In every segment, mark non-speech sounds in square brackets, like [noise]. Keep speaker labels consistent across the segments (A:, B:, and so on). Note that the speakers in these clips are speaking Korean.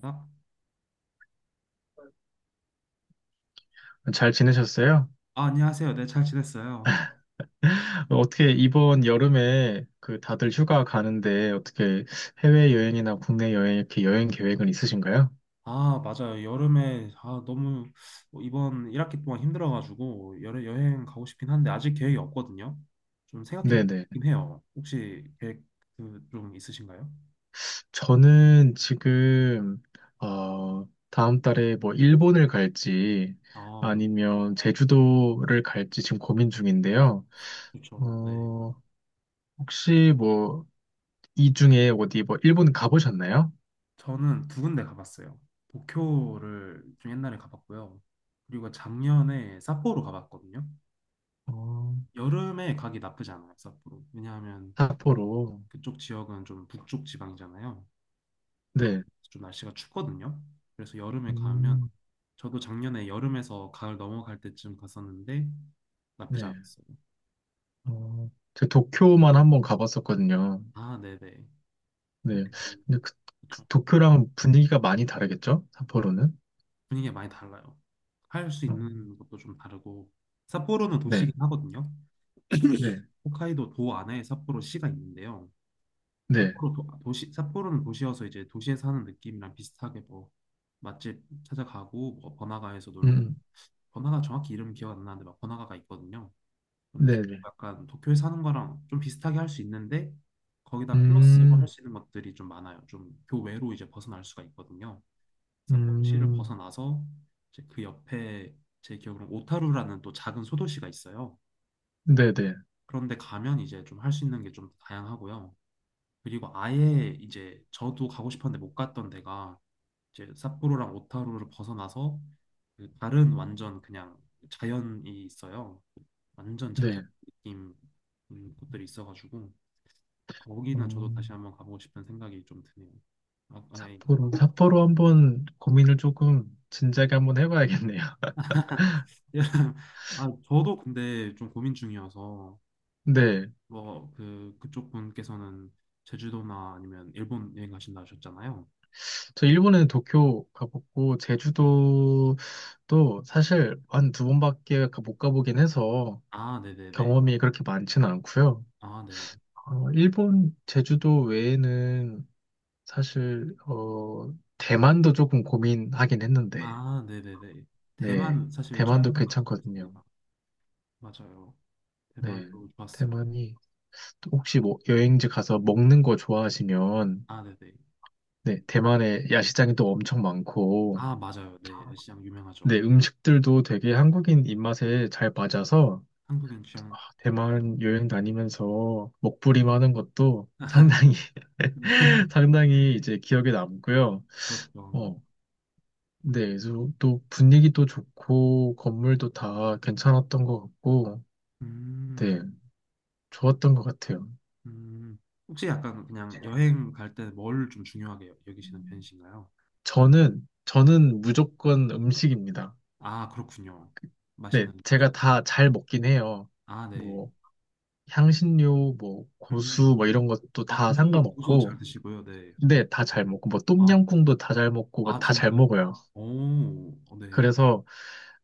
A: 아,
B: 잘 지내셨어요?
A: 아, 안녕하세요. 네, 잘 지냈어요.
B: 어떻게 이번 여름에 그 다들 휴가 가는데 어떻게 해외여행이나 국내 여행 이렇게 여행 계획은 있으신가요?
A: 아, 맞아요. 여름에 아, 너무 뭐 이번 1학기 동안 힘들어가지고 여름 여행 가고 싶긴 한데 아직 계획이 없거든요. 좀 생각해
B: 네네.
A: 보긴 해요. 혹시 계획 그, 좀 있으신가요?
B: 저는 지금, 다음 달에 뭐 일본을 갈지
A: 아,
B: 아니면 제주도를 갈지 지금 고민 중인데요.
A: 좋죠. 네.
B: 어, 혹시 뭐 이 중에 어디 뭐 일본 가보셨나요?
A: 저는 두 군데 가봤어요. 도쿄를 좀 옛날에 가봤고요. 그리고 작년에 삿포로 가봤거든요.
B: 어,
A: 여름에 가기 나쁘지 않아요, 삿포로. 왜냐하면
B: 삿포로.
A: 그쪽 지역은 좀 북쪽 지방이잖아요.
B: 네.
A: 좀 날씨가 춥거든요. 그래서 여름에 가면
B: 음,
A: 저도 작년에 여름에서 가을 넘어갈 때쯤 갔었는데 나쁘지
B: 네.
A: 않았어요.
B: 어, 저 도쿄만 한번 가봤었거든요.
A: 아, 네네. 도쿄
B: 네. 근데 그
A: 그쵸.
B: 도쿄랑 분위기가 많이 다르겠죠? 삿포로는?
A: 분위기가 많이 달라요. 할 수
B: 어,
A: 있는 것도 좀 다르고 삿포로는
B: 네,
A: 도시긴 하거든요.
B: 네,
A: 홋카이도 도 안에 삿포로 시가 있는데요.
B: 네.
A: 삿포로 도, 도시 삿포로는 도시여서 이제 도시에 사는 느낌이랑 비슷하게 뭐 맛집 찾아가고 뭐 번화가에서
B: 음,
A: 놀고
B: 음.
A: 번화가 정확히 이름 기억 안 나는데 막 번화가가 있거든요. 근데
B: 네, 네.
A: 약간 도쿄에 사는 거랑 좀 비슷하게 할 수 있는데 거기다 플러스로 할
B: 음,
A: 수 있는 것들이 좀 많아요. 좀 교외로 이제 벗어날 수가 있거든요. 삿포로시를
B: 음,
A: 벗어나서 이제 그 옆에 제 기억으로는 오타루라는 또 작은 소도시가 있어요.
B: 네, 네,
A: 그런데 가면 이제 좀 할 수 있는 게 좀 다양하고요. 그리고 아예 이제 저도 가고 싶었는데 못 갔던 데가 이제 삿포로랑 오타루를 벗어나서 그 다른 완전 그냥 자연이 있어요. 완전 자연
B: 네.
A: 느낌 곳들이 있어가지고 거기는
B: 어,
A: 저도 다시 한번 가보고 싶은 생각이 좀 드네요. 아, 아이,
B: 삿포로 한번 고민을 조금 진작에 한번 해봐야겠네요. [laughs]
A: [laughs] 아, 저도 근데 좀 고민 중이어서 아,
B: 네.
A: 뭐, 그, 그쪽 분께서는 제주도나 아니면 일본 여행 가신다 하셨잖아요.
B: 저 일본에는 도쿄 가봤고,
A: 네네.
B: 제주도도 사실 한 두 번밖에 못 가보긴 해서
A: 아, 네네네.
B: 경험이 그렇게 많지는 않고요.
A: 아, 네.
B: 일본 제주도 외에는 사실 대만도 조금 고민하긴 했는데,
A: 아, 네네네.
B: 네,
A: 대만 사실 저도
B: 대만도
A: 가보고
B: 괜찮거든요.
A: 있습니다. 맞아요.
B: 네,
A: 대만도 좋았어요.
B: 대만이 혹시 뭐 여행지 가서 먹는 거 좋아하시면,
A: 아, 네네.
B: 네, 대만에 야시장이 또 엄청 많고,
A: 아, 맞아요. 네, 야시장
B: 네,
A: 유명하죠.
B: 음식들도 되게 한국인 입맛에 잘 맞아서
A: 한국인
B: 아,
A: 취향. 네.
B: 대만 여행 다니면서 먹부림하는 것도 상당히 [laughs]
A: [laughs]
B: 상당히 이제 기억에 남고요.
A: 그렇죠.
B: 어, 네, 그래서 또 분위기도 좋고 건물도 다 괜찮았던 것 같고, 네,
A: 음,
B: 좋았던 것 같아요.
A: 음. 혹시 약간 그냥 여행 갈 때 뭘 좀 중요하게 여기시는 편이신가요?
B: 저는 무조건 음식입니다.
A: 아, 그렇군요.
B: 네,
A: 맛있는
B: 제가
A: 음식.
B: 다 잘 먹긴 해요.
A: 아, 네.
B: 뭐 향신료, 뭐 고수,
A: 음.
B: 뭐 이런 것도
A: 아,
B: 다
A: 고수도, 고수도 잘
B: 상관없고,
A: 드시고요. 네. 음.
B: 네, 다 잘 먹고, 뭐
A: 아,
B: 똠양꿍도 다 잘 먹고, 뭐
A: 아,
B: 다잘
A: 진짜요?
B: 먹어요.
A: 오, 어, 네.
B: 그래서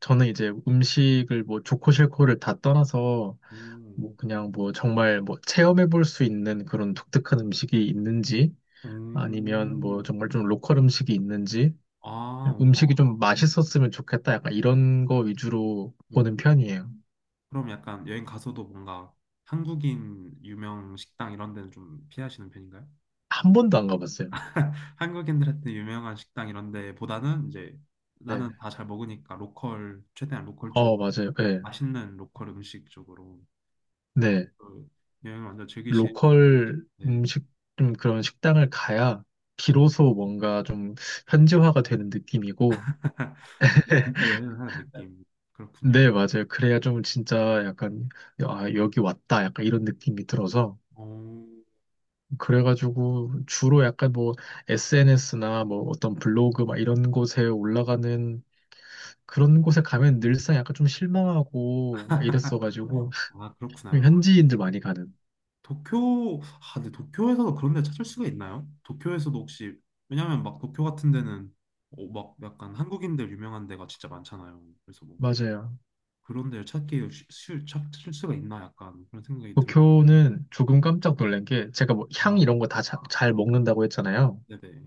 B: 저는 이제 음식을 뭐 좋고 싫고를 다 떠나서
A: 음.
B: 뭐 그냥 뭐 정말 뭐 체험해 볼 수 있는 그런 독특한 음식이 있는지 아니면 뭐
A: 음.
B: 정말 좀 로컬 음식이 있는지
A: 아, 오.
B: 음식이 좀 맛있었으면 좋겠다 약간 이런 거 위주로 보는
A: 오.
B: 편이에요.
A: 그럼 약간 여행 가서도 뭔가 한국인 유명 식당 이런 데는 좀 피하시는 편인가요?
B: 한 번도 안 가봤어요.
A: 한국인들한테 유명한 식당 이런 데보다는 이제
B: 네.
A: 나는 다 잘 먹으니까 로컬, 최대한 로컬 쪽,
B: 맞아요. 네.
A: 맛있는 로컬 음식 쪽으로
B: 네.
A: 그 여행을 완전 즐기시,
B: 로컬
A: 네.
B: 음식 좀 그런 식당을 가야
A: 음.
B: 비로소 뭔가 좀 현지화가 되는 느낌이고
A: [laughs]
B: [laughs]
A: 진짜 여행을 하는 느낌. 그렇군요.
B: 네, 맞아요. 그래야 좀 진짜 약간, 아, 여기 왔다. 약간 이런 느낌이 들어서.
A: 오
B: 그래가지고 주로 약간 뭐 SNS나 뭐 어떤 블로그 막 이런 곳에 올라가는 그런 곳에 가면 늘상 약간 좀 실망하고 막 이랬어가지고
A: 아, 그렇구나요.
B: 현지인들 많이 가는.
A: 도쿄, 아, 근데 도쿄에서도 그런 데 찾을 수가 있나요? 도쿄에서도 혹시, 왜냐면 막 도쿄 같은 데는 어, 막 약간 한국인들 유명한 데가 진짜 많잖아요. 그래서 뭐
B: 맞아요.
A: 그런 데를 찾기 찾을 수가 있나 약간 그런 생각이
B: 도쿄는
A: 들었는데,
B: 조금 깜짝 놀란 게 제가 뭐 향
A: 아,
B: 이런 거 다 잘 먹는다고 했잖아요.
A: 네네.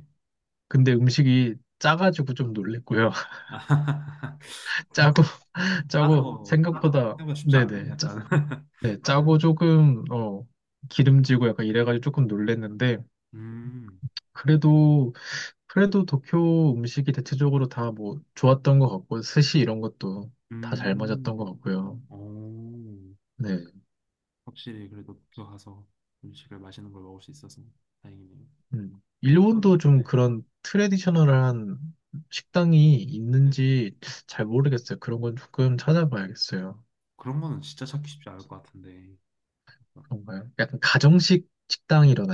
B: 근데 음식이 짜가지고 좀 놀랬고요. [laughs]
A: [laughs]
B: 짜고, [laughs]
A: 따서
B: 짜고
A: 뭐
B: 생각보다,
A: 생각보다 쉽지 않네,
B: 네네.
A: 약간. [laughs]
B: 네,
A: 네.
B: 짜고 조금, 기름지고 약간 이래가지고 조금 놀랬는데,
A: 음,
B: 그래도, 그래도 도쿄 음식이 대체적으로 다 뭐 좋았던 것 같고, 스시 이런 것도 다 잘
A: 음,
B: 맞았던 것 같고요.
A: 오,
B: 네.
A: 확실히 그래도 도쿄 가서 음식을 맛있는 걸 먹을 수 있어서 다행이네요.
B: 음.
A: 어,
B: 일본도 좀
A: 네,
B: 그런 트레디셔널한 식당이
A: 네네.
B: 있는지 잘
A: 음.
B: 모르겠어요. 그런 건 조금 찾아봐야겠어요.
A: 그런 거는 진짜 찾기 쉽지 않을 것 같은데
B: 그런가요? 약간 가정식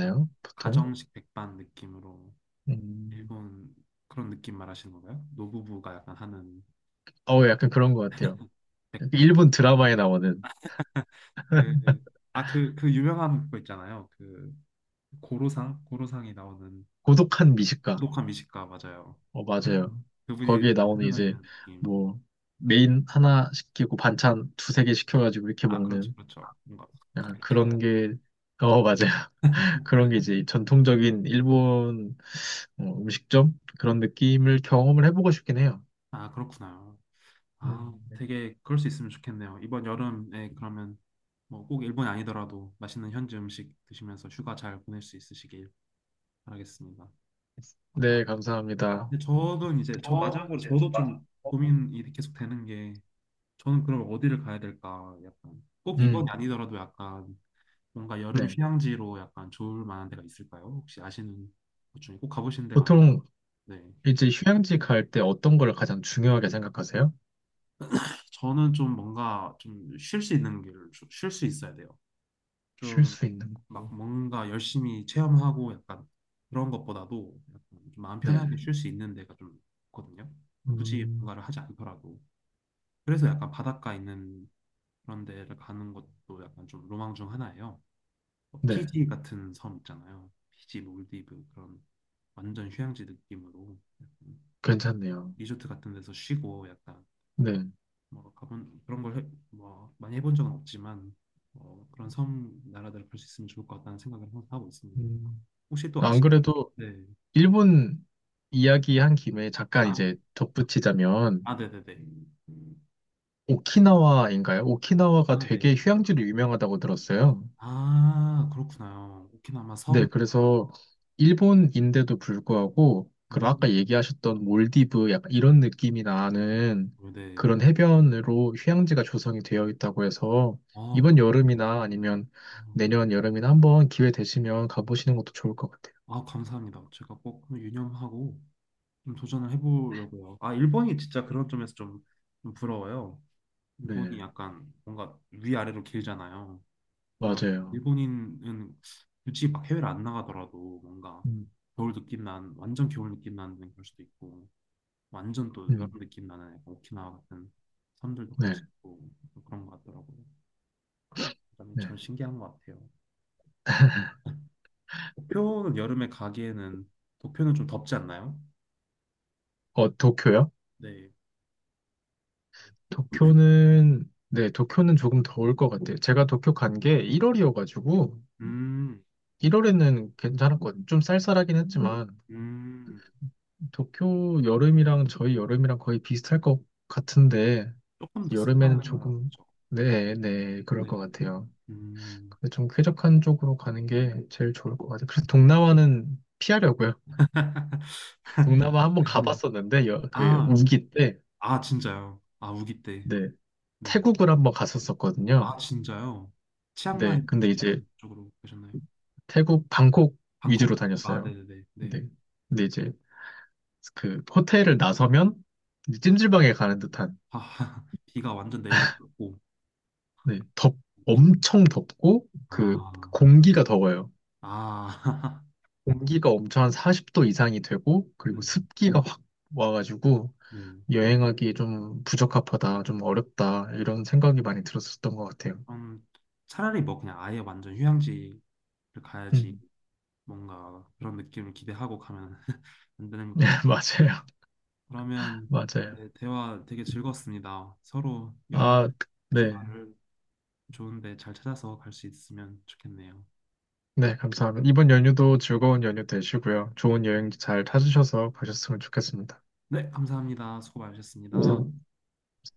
A: 아,
B: 보통?
A: 가정식 백반 느낌으로
B: 음,
A: 일본 그런 느낌 말하시는 건가요? 노부부가 약간 하는
B: 약간 그런 것 같아요.
A: 백 약간
B: 일본 드라마에 나오는
A: 그아그그 유명한 거 있잖아요 그 고로상이 나오는
B: 고독한 미식가.
A: 고독한 미식가 맞아요 [laughs]
B: 맞아요.
A: 그분이
B: 거기에
A: 약간
B: 나오는 이제
A: 찾아다니는 느낌
B: 뭐 메인 하나 시키고 반찬 두세 개 시켜가지고 이렇게
A: 아 그렇죠
B: 먹는
A: 그렇죠 뭔가
B: 약간
A: 그렇게
B: 그런
A: 하고
B: 게, 맞아요. [laughs] 그런 게 이제 전통적인 일본 음식점? 그런 느낌을 경험을 해보고 싶긴 해요.
A: 아 그렇구나 아,
B: 네,
A: 되게 그럴 수 있으면 좋겠네요. 이번 여름에 그러면 뭐 꼭 일본이 아니더라도 맛있는 현지 음식 드시면서 휴가 잘 보낼 수 있으시길 바라겠습니다. 아,
B: 네, 감사합니다.
A: 근데 저는 이제 저
B: 저는
A: 마지막으로
B: 이제 좀
A: 저도
B: 맞아.
A: 좀 고민이 계속 되는 게 저는 그럼 어디를 가야 될까? 약간 꼭 이번이
B: 음,
A: 아니더라도 약간 뭔가 여름
B: 네.
A: 휴양지로 약간 좋을 만한 데가 있을까요? 혹시 아시는 것 중에 꼭 가보신 데가
B: 보통
A: 아닌데
B: 이제 휴양지 갈 때 어떤 걸 가장 중요하게 생각하세요?
A: 저는 좀 뭔가 좀 쉴 수 있는 길을 쉴 수 있어야 돼요.
B: 쉴
A: 좀
B: 수 있는 거.
A: 막 뭔가 열심히 체험하고 약간 그런 것보다도 약간 좀 마음
B: 네.
A: 편하게 쉴 수 있는 데가 좀 있거든요. 굳이
B: 음,
A: 뭔가를 하지 않더라도. 그래서 약간 바닷가 있는 그런 데를 가는 것도 약간 좀 로망 중 하나예요. 뭐
B: 네.
A: 피지 같은 섬 있잖아요. 피지, 몰디브 그런 완전 휴양지 느낌으로 약간
B: 괜찮네요.
A: 리조트 같은 데서 쉬고 약간
B: 네.
A: 뭐 가본 그런 걸 뭐 많이 해본 적은 없지만 어, 그런 섬 나라들을 볼 수 있으면 좋을 것 같다는 생각을 항상 하고 있습니다.
B: 음,
A: 혹시 또
B: 안
A: 아시
B: 그래도
A: 네.
B: 일본 이야기한 김에 잠깐
A: 아,
B: 이제 덧붙이자면
A: 아, 네네네.
B: 오키나와인가요? 오키나와가
A: 아, 네.
B: 되게 휴양지로 유명하다고 들었어요.
A: 아, 그렇구나요. 오키나와 섬.
B: 네, 그래서 일본인데도 불구하고 그
A: 음,
B: 아까 얘기하셨던 몰디브 약간 이런 느낌이 나는
A: 어, 네.
B: 그런 해변으로 휴양지가 조성이 되어 있다고 해서
A: 아, 그렇
B: 이번 여름이나 아니면 내년 여름이나 한번 기회 되시면 가보시는 것도 좋을 것 같아요.
A: 아, 감사합니다. 제가 꼭 한번 유념하고 좀 도전을 해보려고요. 아, 일본이 진짜 그런 점에서 좀, 좀 부러워요.
B: 네,
A: 일본이 약간 뭔가 위아래로 길잖아요. 그래가지고
B: 맞아요.
A: 일본인은 굳이 막 해외를 안 나가더라도 뭔가
B: 음,
A: 겨울 느낌 난, 완전 겨울 느낌 나는 그럴 수도 있고 완전 또 여름
B: 음,
A: 느낌 나는 약간 오키나와 같은 섬들도 갈
B: 네.
A: 수 있고 뭐 그런 것 같더라고요. 그다음에
B: 네.
A: 참 신기한 것 같아요. 도쿄는 여름에 가기에는 도쿄는 좀 덥지 않나요?
B: 도쿄요?
A: 네,
B: 도쿄는, 네, 도쿄는 조금 더울 것 같아요. 제가 도쿄 간 게 1월이어가지고,
A: 음,
B: 1월에는 괜찮았거든요. 좀 쌀쌀하긴 했지만,
A: 음,
B: 도쿄 여름이랑 저희 여름이랑 거의 비슷할 것 같은데,
A: 조금 더
B: 여름에는 조금,
A: 습하죠.
B: 네, 네, 그럴 것
A: 네네네.
B: 같아요.
A: 음,
B: 근데 좀 쾌적한 쪽으로 가는 게 제일 좋을 것 같아요. 그래서 동남아는 피하려고요. 동남아 한 번
A: [laughs]
B: 가봤었는데, 그,
A: 아,
B: 우기 때,
A: 아 진짜요? 아 우기 때,
B: 네,
A: 네,
B: 태국을 한 번 갔었었거든요.
A: 아 진짜요? 치앙마이
B: 네, 근데
A: 혹시
B: 이제
A: 이런 쪽으로 가셨나요?
B: 태국 방콕
A: 방콕,
B: 위주로
A: 방콕. 아
B: 다녔어요.
A: 네네네, 네,
B: 근데, 이제 그 호텔을 나서면 이제 찜질방에 가는 듯한
A: 아 [laughs] 비가 완전 내리고 덥고
B: 네, 덥
A: 느낌.
B: 엄청 덥고 그
A: 아,
B: 공기가 더워요.
A: 아, [laughs]
B: 공기가 엄청 한 40도 이상이 되고
A: 네,
B: 그리고 습기가 확 와가지고
A: 네.
B: 여행하기 좀 부적합하다, 좀 어렵다 이런 생각이 많이 들었었던 것 같아요.
A: 그럼 차라리 뭐 그냥 아예 완전 휴양지를 가야지
B: 음,
A: 뭔가 그런 느낌을 기대하고 가면 [laughs] 안
B: [laughs]
A: 되는 것
B: 네,
A: 같아요.
B: 맞아요,
A: 그러면
B: 맞아요.
A: 네, 대화 되게 즐거웠습니다. 서로 여름
B: 아, 네.
A: 휴가를 좋은데 잘 찾아서 갈 수 있으면 좋겠네요.
B: 네, 감사합니다. 이번 연휴도 즐거운 연휴 되시고요. 좋은 여행 잘 찾으셔서 가셨으면 좋겠습니다.
A: 네, 감사합니다. 수고 많으셨습니다.
B: 감사합니다.